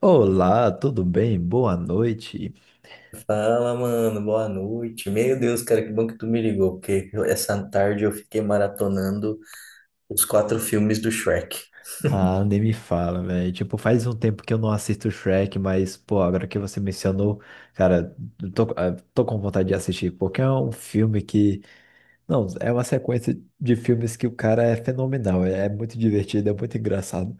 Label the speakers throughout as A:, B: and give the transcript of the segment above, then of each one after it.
A: Olá, tudo bem? Boa noite.
B: Fala, mano, boa noite. Meu Deus, cara, que bom que tu me ligou, porque essa tarde eu fiquei maratonando os quatro filmes do Shrek.
A: Ah, nem me fala, velho. Tipo, faz um tempo que eu não assisto Shrek, mas, pô, agora que você mencionou, cara, eu tô com vontade de assistir, porque é um filme que. Não, é uma sequência de filmes que o cara é fenomenal, é muito divertido, é muito engraçado.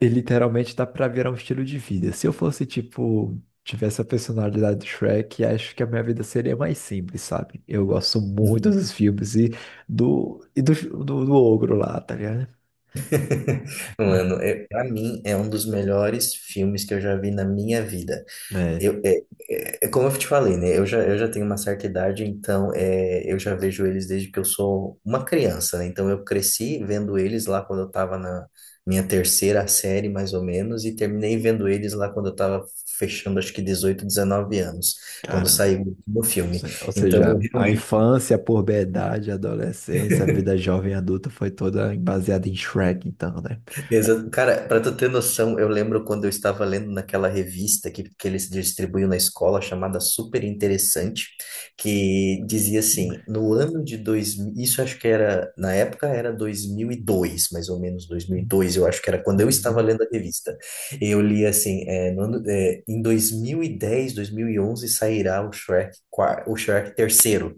A: E literalmente dá pra virar um estilo de vida. Se eu fosse, tipo, tivesse a personalidade do Shrek, acho que a minha vida seria mais simples, sabe? Eu gosto muito
B: Uhum.
A: dos filmes e do ogro lá, tá ligado?
B: Mano, é, pra mim é um dos melhores filmes que eu já vi na minha vida.
A: É,
B: Eu, é, é como eu te falei, né? Eu já tenho uma certa idade, então é, eu já vejo eles desde que eu sou uma criança, né? Então eu cresci vendo eles lá quando eu estava na minha terceira série, mais ou menos, e terminei vendo eles lá quando eu estava fechando, acho que 18, 19 anos, quando
A: caramba.
B: saiu o último filme.
A: Ou
B: Então eu
A: seja, a
B: realmente
A: infância, a puberdade, a adolescência, a vida jovem e adulta foi toda baseada em Shrek, então, né?
B: exato. Cara, para tu ter noção, eu lembro quando eu estava lendo naquela revista que eles distribuíam na escola, chamada Super Interessante, que dizia assim, no ano de 2000, isso acho que era, na época era 2002, mais ou menos 2002 eu acho que era quando eu estava
A: Uhum.
B: lendo a revista. Eu li assim, é, no ano- é, em dois dois mil mil e dez, 2011 sairá o Shrek, o Shrek terceiro.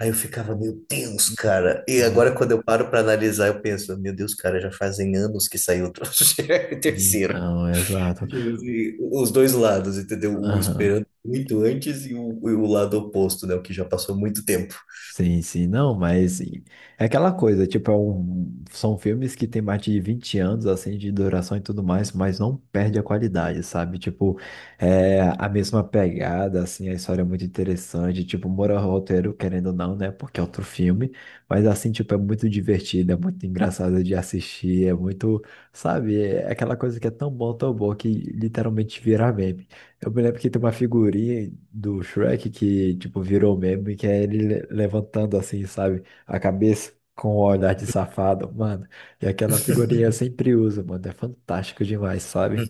B: Aí eu ficava, meu Deus, cara. E agora,
A: Nossa.
B: quando eu paro para analisar, eu penso, meu Deus, cara, já fazem anos que saiu o troço e terceiro.
A: Então, exato.
B: E os dois lados, entendeu? O
A: Aham.
B: esperando muito antes e o lado oposto, né? O que já passou muito tempo.
A: Sim, sim, não, mas é aquela coisa, tipo, são filmes que tem mais de 20 anos, assim, de duração e tudo mais, mas não perde a qualidade, sabe? Tipo, é a mesma pegada, assim, a história é muito interessante, tipo, mora roteiro, querendo ou não, né, porque é outro filme, mas, assim, tipo, é muito divertido, é muito engraçado de assistir, é muito, sabe, é aquela coisa que é tão bom, que literalmente vira meme. Eu me lembro que tem uma figurinha do Shrek que, tipo, virou meme, que é ele levantando assim, sabe? A cabeça com o olhar de safado, mano. E aquela figurinha eu sempre uso, mano. É fantástico demais, sabe?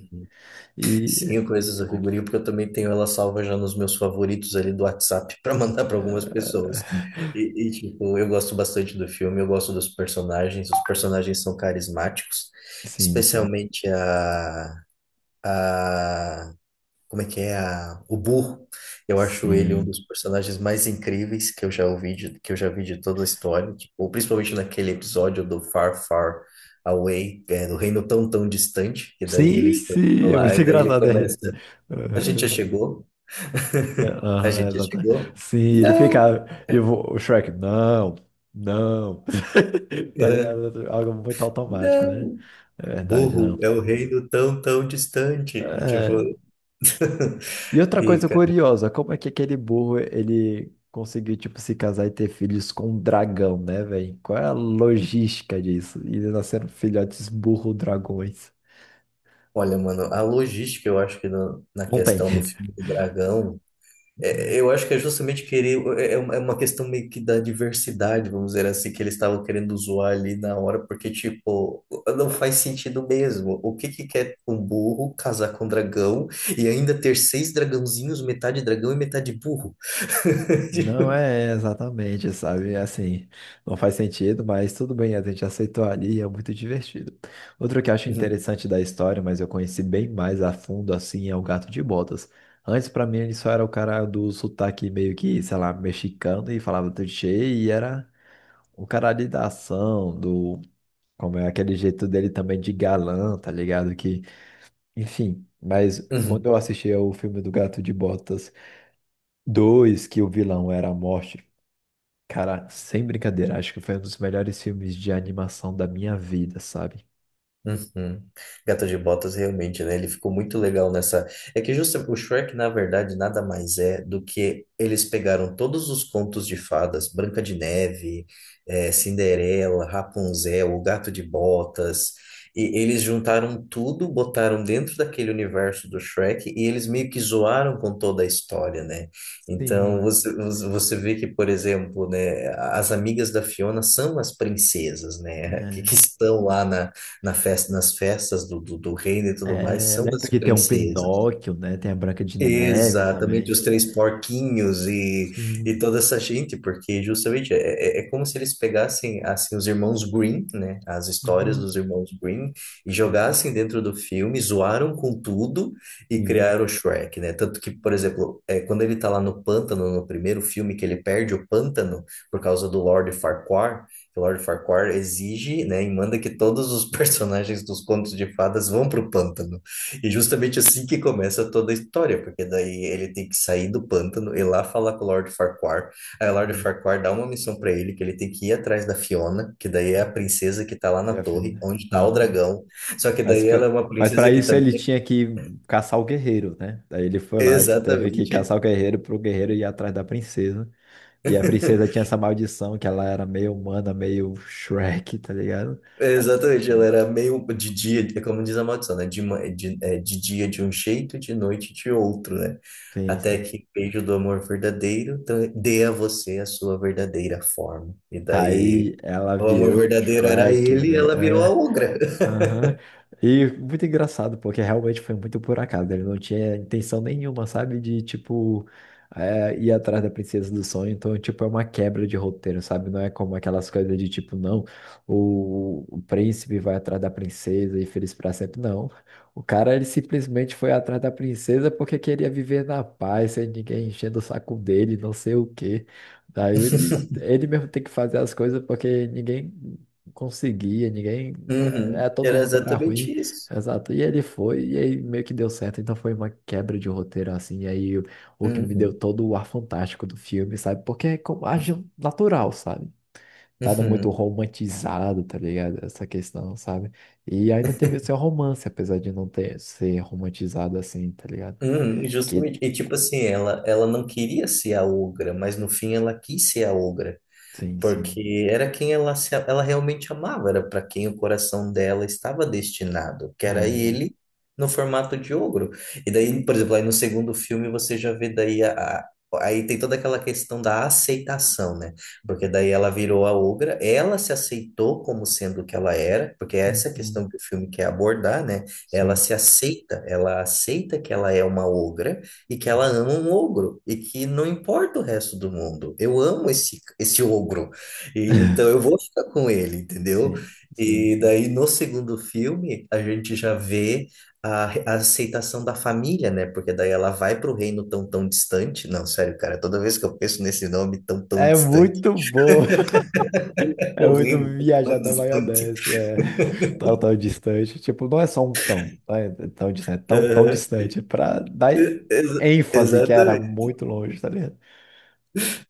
A: E,
B: Sim, eu conheço
A: Muito
B: essa
A: bom.
B: figurinha porque eu também tenho ela salva já nos meus favoritos ali do WhatsApp para mandar para algumas pessoas. E, tipo, eu gosto bastante do filme, eu gosto dos personagens, os personagens são carismáticos,
A: Sim, sim,
B: especialmente a, como é que é a, o Burro. Eu acho ele um
A: sim.
B: dos personagens mais incríveis que eu já ouvi, de, que eu já vi de toda a história, tipo, principalmente naquele episódio do Far Far Away, é, do reino tão tão distante, e daí
A: Sim,
B: eles estão
A: sim, é
B: lá,
A: muito
B: e daí ele
A: engraçado. É.
B: começa, a gente já
A: Aham,
B: chegou,
A: é,
B: a
A: aham,
B: gente já
A: exatamente.
B: chegou.
A: Sim, ele
B: Não,
A: fica. E o Shrek, não, não. Tá
B: eh,
A: ligado? Algo muito automático, né?
B: não.
A: É verdade, não.
B: Burro é o reino tão, tão distante. E, tipo,
A: É. E outra
B: e,
A: coisa curiosa, como é que aquele burro ele conseguiu, tipo, se casar e ter filhos com um dragão, né, velho? Qual é a logística disso? E eles nasceram filhotes burro-dragões.
B: olha, mano, a logística, eu acho que na
A: Não tem.
B: questão do filme do Dragão, eu acho que é justamente querer, é, é uma questão meio que da diversidade, vamos dizer assim, que eles estavam querendo zoar ali na hora, porque, tipo, não faz sentido mesmo. O que que quer um burro casar com um dragão e ainda ter seis dragãozinhos, metade dragão e metade burro?
A: Não é exatamente, sabe? É. Assim, não faz sentido, mas tudo bem, a gente aceitou ali e é muito divertido. Outro que eu acho
B: Uhum,
A: interessante da história, mas eu conheci bem mais a fundo, assim, é o Gato de Botas. Antes, pra mim, ele só era o cara do sotaque meio que, sei lá, mexicano e falava tudo cheio e era o cara ali da ação, do. Como é aquele jeito dele também de galã, tá ligado? Que, enfim, mas quando
B: uhum.
A: eu assisti ao filme do Gato de Botas 2, que o vilão era a morte. Cara, sem brincadeira, acho que foi um dos melhores filmes de animação da minha vida, sabe?
B: Uhum. Gato de Botas realmente, né? Ele ficou muito legal nessa. É que justa o Shrek, na verdade, nada mais é do que eles pegaram todos os contos de fadas, Branca de Neve, eh, Cinderela, Rapunzel, o Gato de Botas, e eles juntaram tudo, botaram dentro daquele universo do Shrek e eles meio que zoaram com toda a história, né? Então
A: Sim.
B: você vê que, por exemplo, né, as amigas da Fiona são as princesas, né? Que,
A: É,
B: que estão lá na na festa, nas festas do reino e tudo mais, são
A: Lembra
B: as
A: que tem um
B: princesas.
A: Pinóquio, né? Tem a Branca de Neve
B: Exatamente,
A: também.
B: os três porquinhos e
A: Sim.
B: toda essa gente, porque justamente é, é como se eles pegassem assim os irmãos Green, né, as histórias
A: Uhum.
B: dos irmãos Green e jogassem dentro do filme, zoaram com tudo e
A: Uhum.
B: criaram o Shrek, né? Tanto que, por exemplo, é, quando ele tá lá no pântano, no primeiro filme que ele perde o pântano por causa do Lord Farquaad, que o Lord Farquaad exige, né, e manda que todos os personagens dos contos de fadas vão pro pântano. E justamente assim que começa toda a história, porque daí ele tem que sair do pântano e lá falar com o Lord Farquaad. Aí o Lord
A: Uhum.
B: Farquaad dá uma missão pra ele, que ele tem que ir atrás da Fiona, que daí é a princesa que tá lá na
A: Já fez,
B: torre,
A: né?
B: onde tá o
A: Aham.
B: dragão. Só que
A: Mas,
B: daí ela é
A: pra-
B: uma
A: mas
B: princesa
A: para
B: que
A: isso ele
B: também,
A: tinha que caçar o guerreiro, né? Daí ele foi lá, teve que
B: exatamente,
A: caçar o guerreiro pro guerreiro ir atrás da princesa. E a princesa tinha essa maldição que ela era meio humana, meio Shrek, tá ligado?
B: exatamente, ela era meio de dia, é como diz a maldição, né? De, de, é, de dia de um jeito, de noite de outro, né?
A: Sim,
B: Até
A: sim.
B: que o beijo do amor verdadeiro dê a você a sua verdadeira forma. E
A: Tá
B: daí,
A: aí, ela
B: o amor
A: virou
B: verdadeiro era
A: Shrek,
B: ele e ela virou a
A: velho.
B: ogra.
A: Aham. E muito engraçado, porque realmente foi muito por acaso, né? Ele não tinha intenção nenhuma, sabe? De, tipo, é, ir atrás da princesa do sonho. Então, tipo, é uma quebra de roteiro, sabe? Não é como aquelas coisas de, tipo, não, o príncipe vai atrás da princesa e feliz pra sempre. Não. O cara, ele simplesmente foi atrás da princesa porque queria viver na paz, sem ninguém enchendo o saco dele, não sei o quê. Daí ele, ele mesmo tem que fazer as coisas porque ninguém conseguia, ninguém,
B: Uhum,
A: todo
B: era
A: mundo era
B: exatamente
A: ruim,
B: isso.
A: exato. E ele foi, e aí meio que deu certo, então foi uma quebra de roteiro assim, e aí o que me deu
B: Uhum,
A: todo o ar fantástico do filme, sabe? Porque é como age natural, sabe? Nada muito
B: uhum,
A: romantizado, tá ligado? Essa questão, sabe? E ainda teve o seu romance, apesar de não ter ser romantizado assim, tá ligado?
B: uhum,
A: Que
B: justamente. E tipo assim, ela não queria ser a ogra, mas no fim ela quis ser a ogra.
A: sim, sim.
B: Porque era quem ela, ela realmente amava, era para quem o coração dela estava destinado, que era
A: Aham.
B: ele no formato de ogro. E daí, por exemplo, aí no segundo filme você já vê daí aí tem toda aquela questão da aceitação, né? Porque daí ela virou a ogra, ela se aceitou como sendo o que ela era, porque essa é a
A: Uhum.
B: questão que o filme quer abordar, né? Ela
A: Sim.
B: se aceita, ela aceita que ela é uma ogra e que ela ama um ogro e que não importa o resto do mundo. Eu amo esse ogro. Então eu vou ficar com ele, entendeu?
A: Sim, sim,
B: E
A: sim.
B: daí no segundo filme a gente já vê a, a aceitação da família, né? Porque daí ela vai para o reino tão tão distante. Não, sério, cara, toda vez que eu penso nesse nome tão tão
A: É
B: distante,
A: muito bom. É
B: o
A: muito
B: reino tão
A: viajar
B: tão
A: da
B: distante.
A: maionese, é tão, tão distante. Tipo, não é só um tão, não é tão distante, é tão, tão
B: Aham.
A: distante, pra dar ênfase que era
B: Exatamente.
A: muito longe, tá ligado?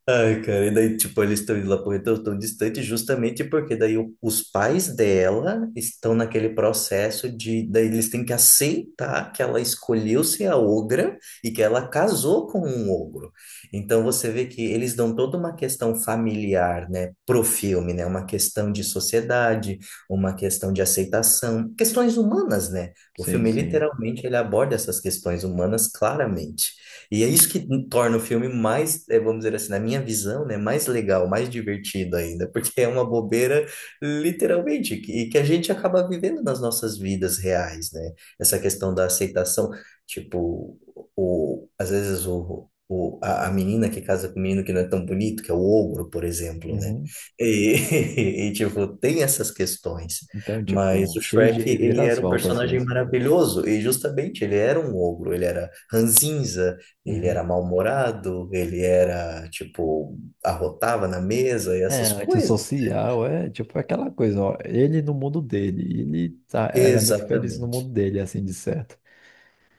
B: Ai, cara, e daí, tipo, eles estão indo lá pro retorno tão distante justamente porque daí os pais dela estão naquele processo de, daí eles têm que aceitar que ela escolheu ser a ogra e que ela casou com um ogro. Então você vê que eles dão toda uma questão familiar, né, pro filme, né, uma questão de sociedade, uma questão de aceitação, questões humanas, né? O
A: Sim,
B: filme
A: sim.
B: literalmente ele aborda essas questões humanas claramente. E é isso que torna o filme mais, eh, vamos dizer assim, na minha visão, né, mais legal, mais divertido ainda, porque é uma bobeira, literalmente, e que a gente acaba vivendo nas nossas vidas reais, né? Essa questão da aceitação, tipo, o, às vezes a menina que casa com o menino que não é tão bonito, que é o ogro, por exemplo, né?
A: Uhum.
B: E, e tipo, tem essas questões.
A: Então,
B: Mas
A: tipo,
B: o
A: cheio de
B: Shrek, ele era um
A: reviravoltas
B: personagem
A: mesmo.
B: maravilhoso, e justamente ele era um ogro, ele era ranzinza, ele
A: Uhum.
B: era mal-humorado, ele era, tipo, arrotava na mesa e
A: É,
B: essas coisas. Né?
A: antissocial é tipo aquela coisa, ó, ele no mundo dele, ele tá, era muito feliz no mundo
B: Exatamente.
A: dele, assim, de certo.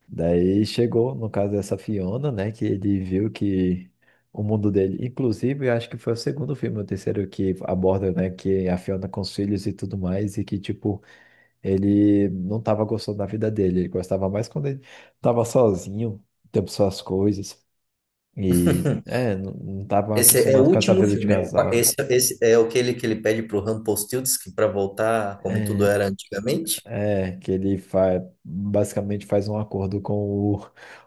A: Daí chegou, no caso dessa Fiona, né, que ele viu que o mundo dele, inclusive, eu acho que foi o segundo filme, o terceiro que aborda, né, que a Fiona com os filhos e tudo mais, e que, tipo, ele não tava gostando da vida dele, ele gostava mais quando ele tava sozinho, tendo suas coisas, e, é, não, não tava
B: Esse é o
A: acostumado com essa
B: último
A: vida de
B: filme.
A: casal.
B: Esse, esse é aquele que ele pede pro Rumpelstiltskin para voltar como tudo
A: É,
B: era antigamente.
A: É. Que ele faz, basicamente faz um acordo com o,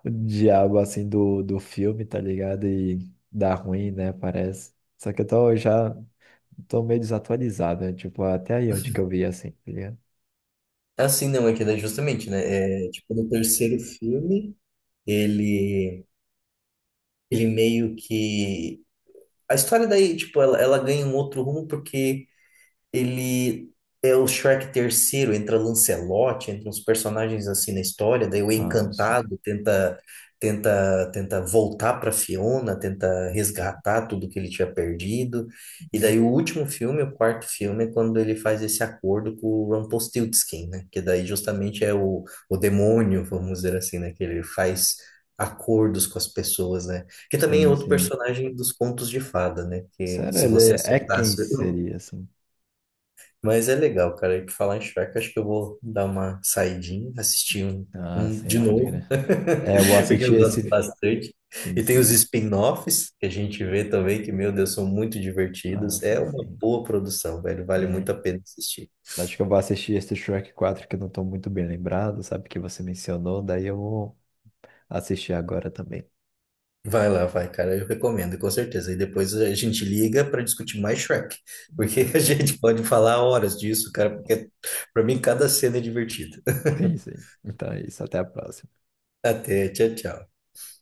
A: o diabo, assim, do filme, tá ligado? E dá ruim, né, parece. Só que eu tô, já tô meio desatualizado, né? Tipo, até aí onde que eu vi, assim, tá ligado?
B: Assim, não, é que é justamente, né? É, tipo, no terceiro filme, ele, ele meio que... A história daí, tipo, ela ganha um outro rumo porque ele é o Shrek terceiro, entra Lancelot, entra uns personagens assim na história, daí o
A: Ah,
B: Encantado tenta voltar para Fiona, tenta resgatar tudo que ele tinha perdido. E
A: uhum.
B: daí o último filme, o quarto filme, é quando ele faz esse acordo com o Rumpelstiltskin, né? Que daí justamente é o demônio, vamos dizer assim, né? Que ele faz acordos com as pessoas, né? Que também é
A: Sim,
B: outro
A: sim.
B: personagem dos contos de fada, né? Que
A: Sério,
B: se
A: ele
B: você
A: é quem
B: acertasse
A: seria, assim?
B: mas é legal, cara. E por falar em Shrek, acho que eu vou dar uma saidinha, assistir um,
A: Ah,
B: um de
A: sim, pode
B: novo,
A: crer. É, eu vou
B: porque
A: assistir
B: eu
A: esse...
B: gosto
A: fi-
B: bastante.
A: Sim,
B: E tem os
A: sim.
B: spin-offs que a gente vê também, que, meu Deus, são muito
A: Ah,
B: divertidos. É
A: sim,
B: uma
A: sim.
B: boa produção, velho. Vale
A: É,
B: muito a pena assistir.
A: acho que eu vou assistir esse Shrek 4 que eu não tô muito bem lembrado, sabe? Que você mencionou, daí eu vou assistir agora também.
B: Vai lá, vai, cara. Eu recomendo, com certeza. E depois a gente liga para discutir mais Shrek, porque a
A: Beleza.
B: gente pode falar horas disso, cara, porque para mim cada cena é divertida.
A: Sim, sim. Então é isso. Até a próxima.
B: Até, tchau, tchau.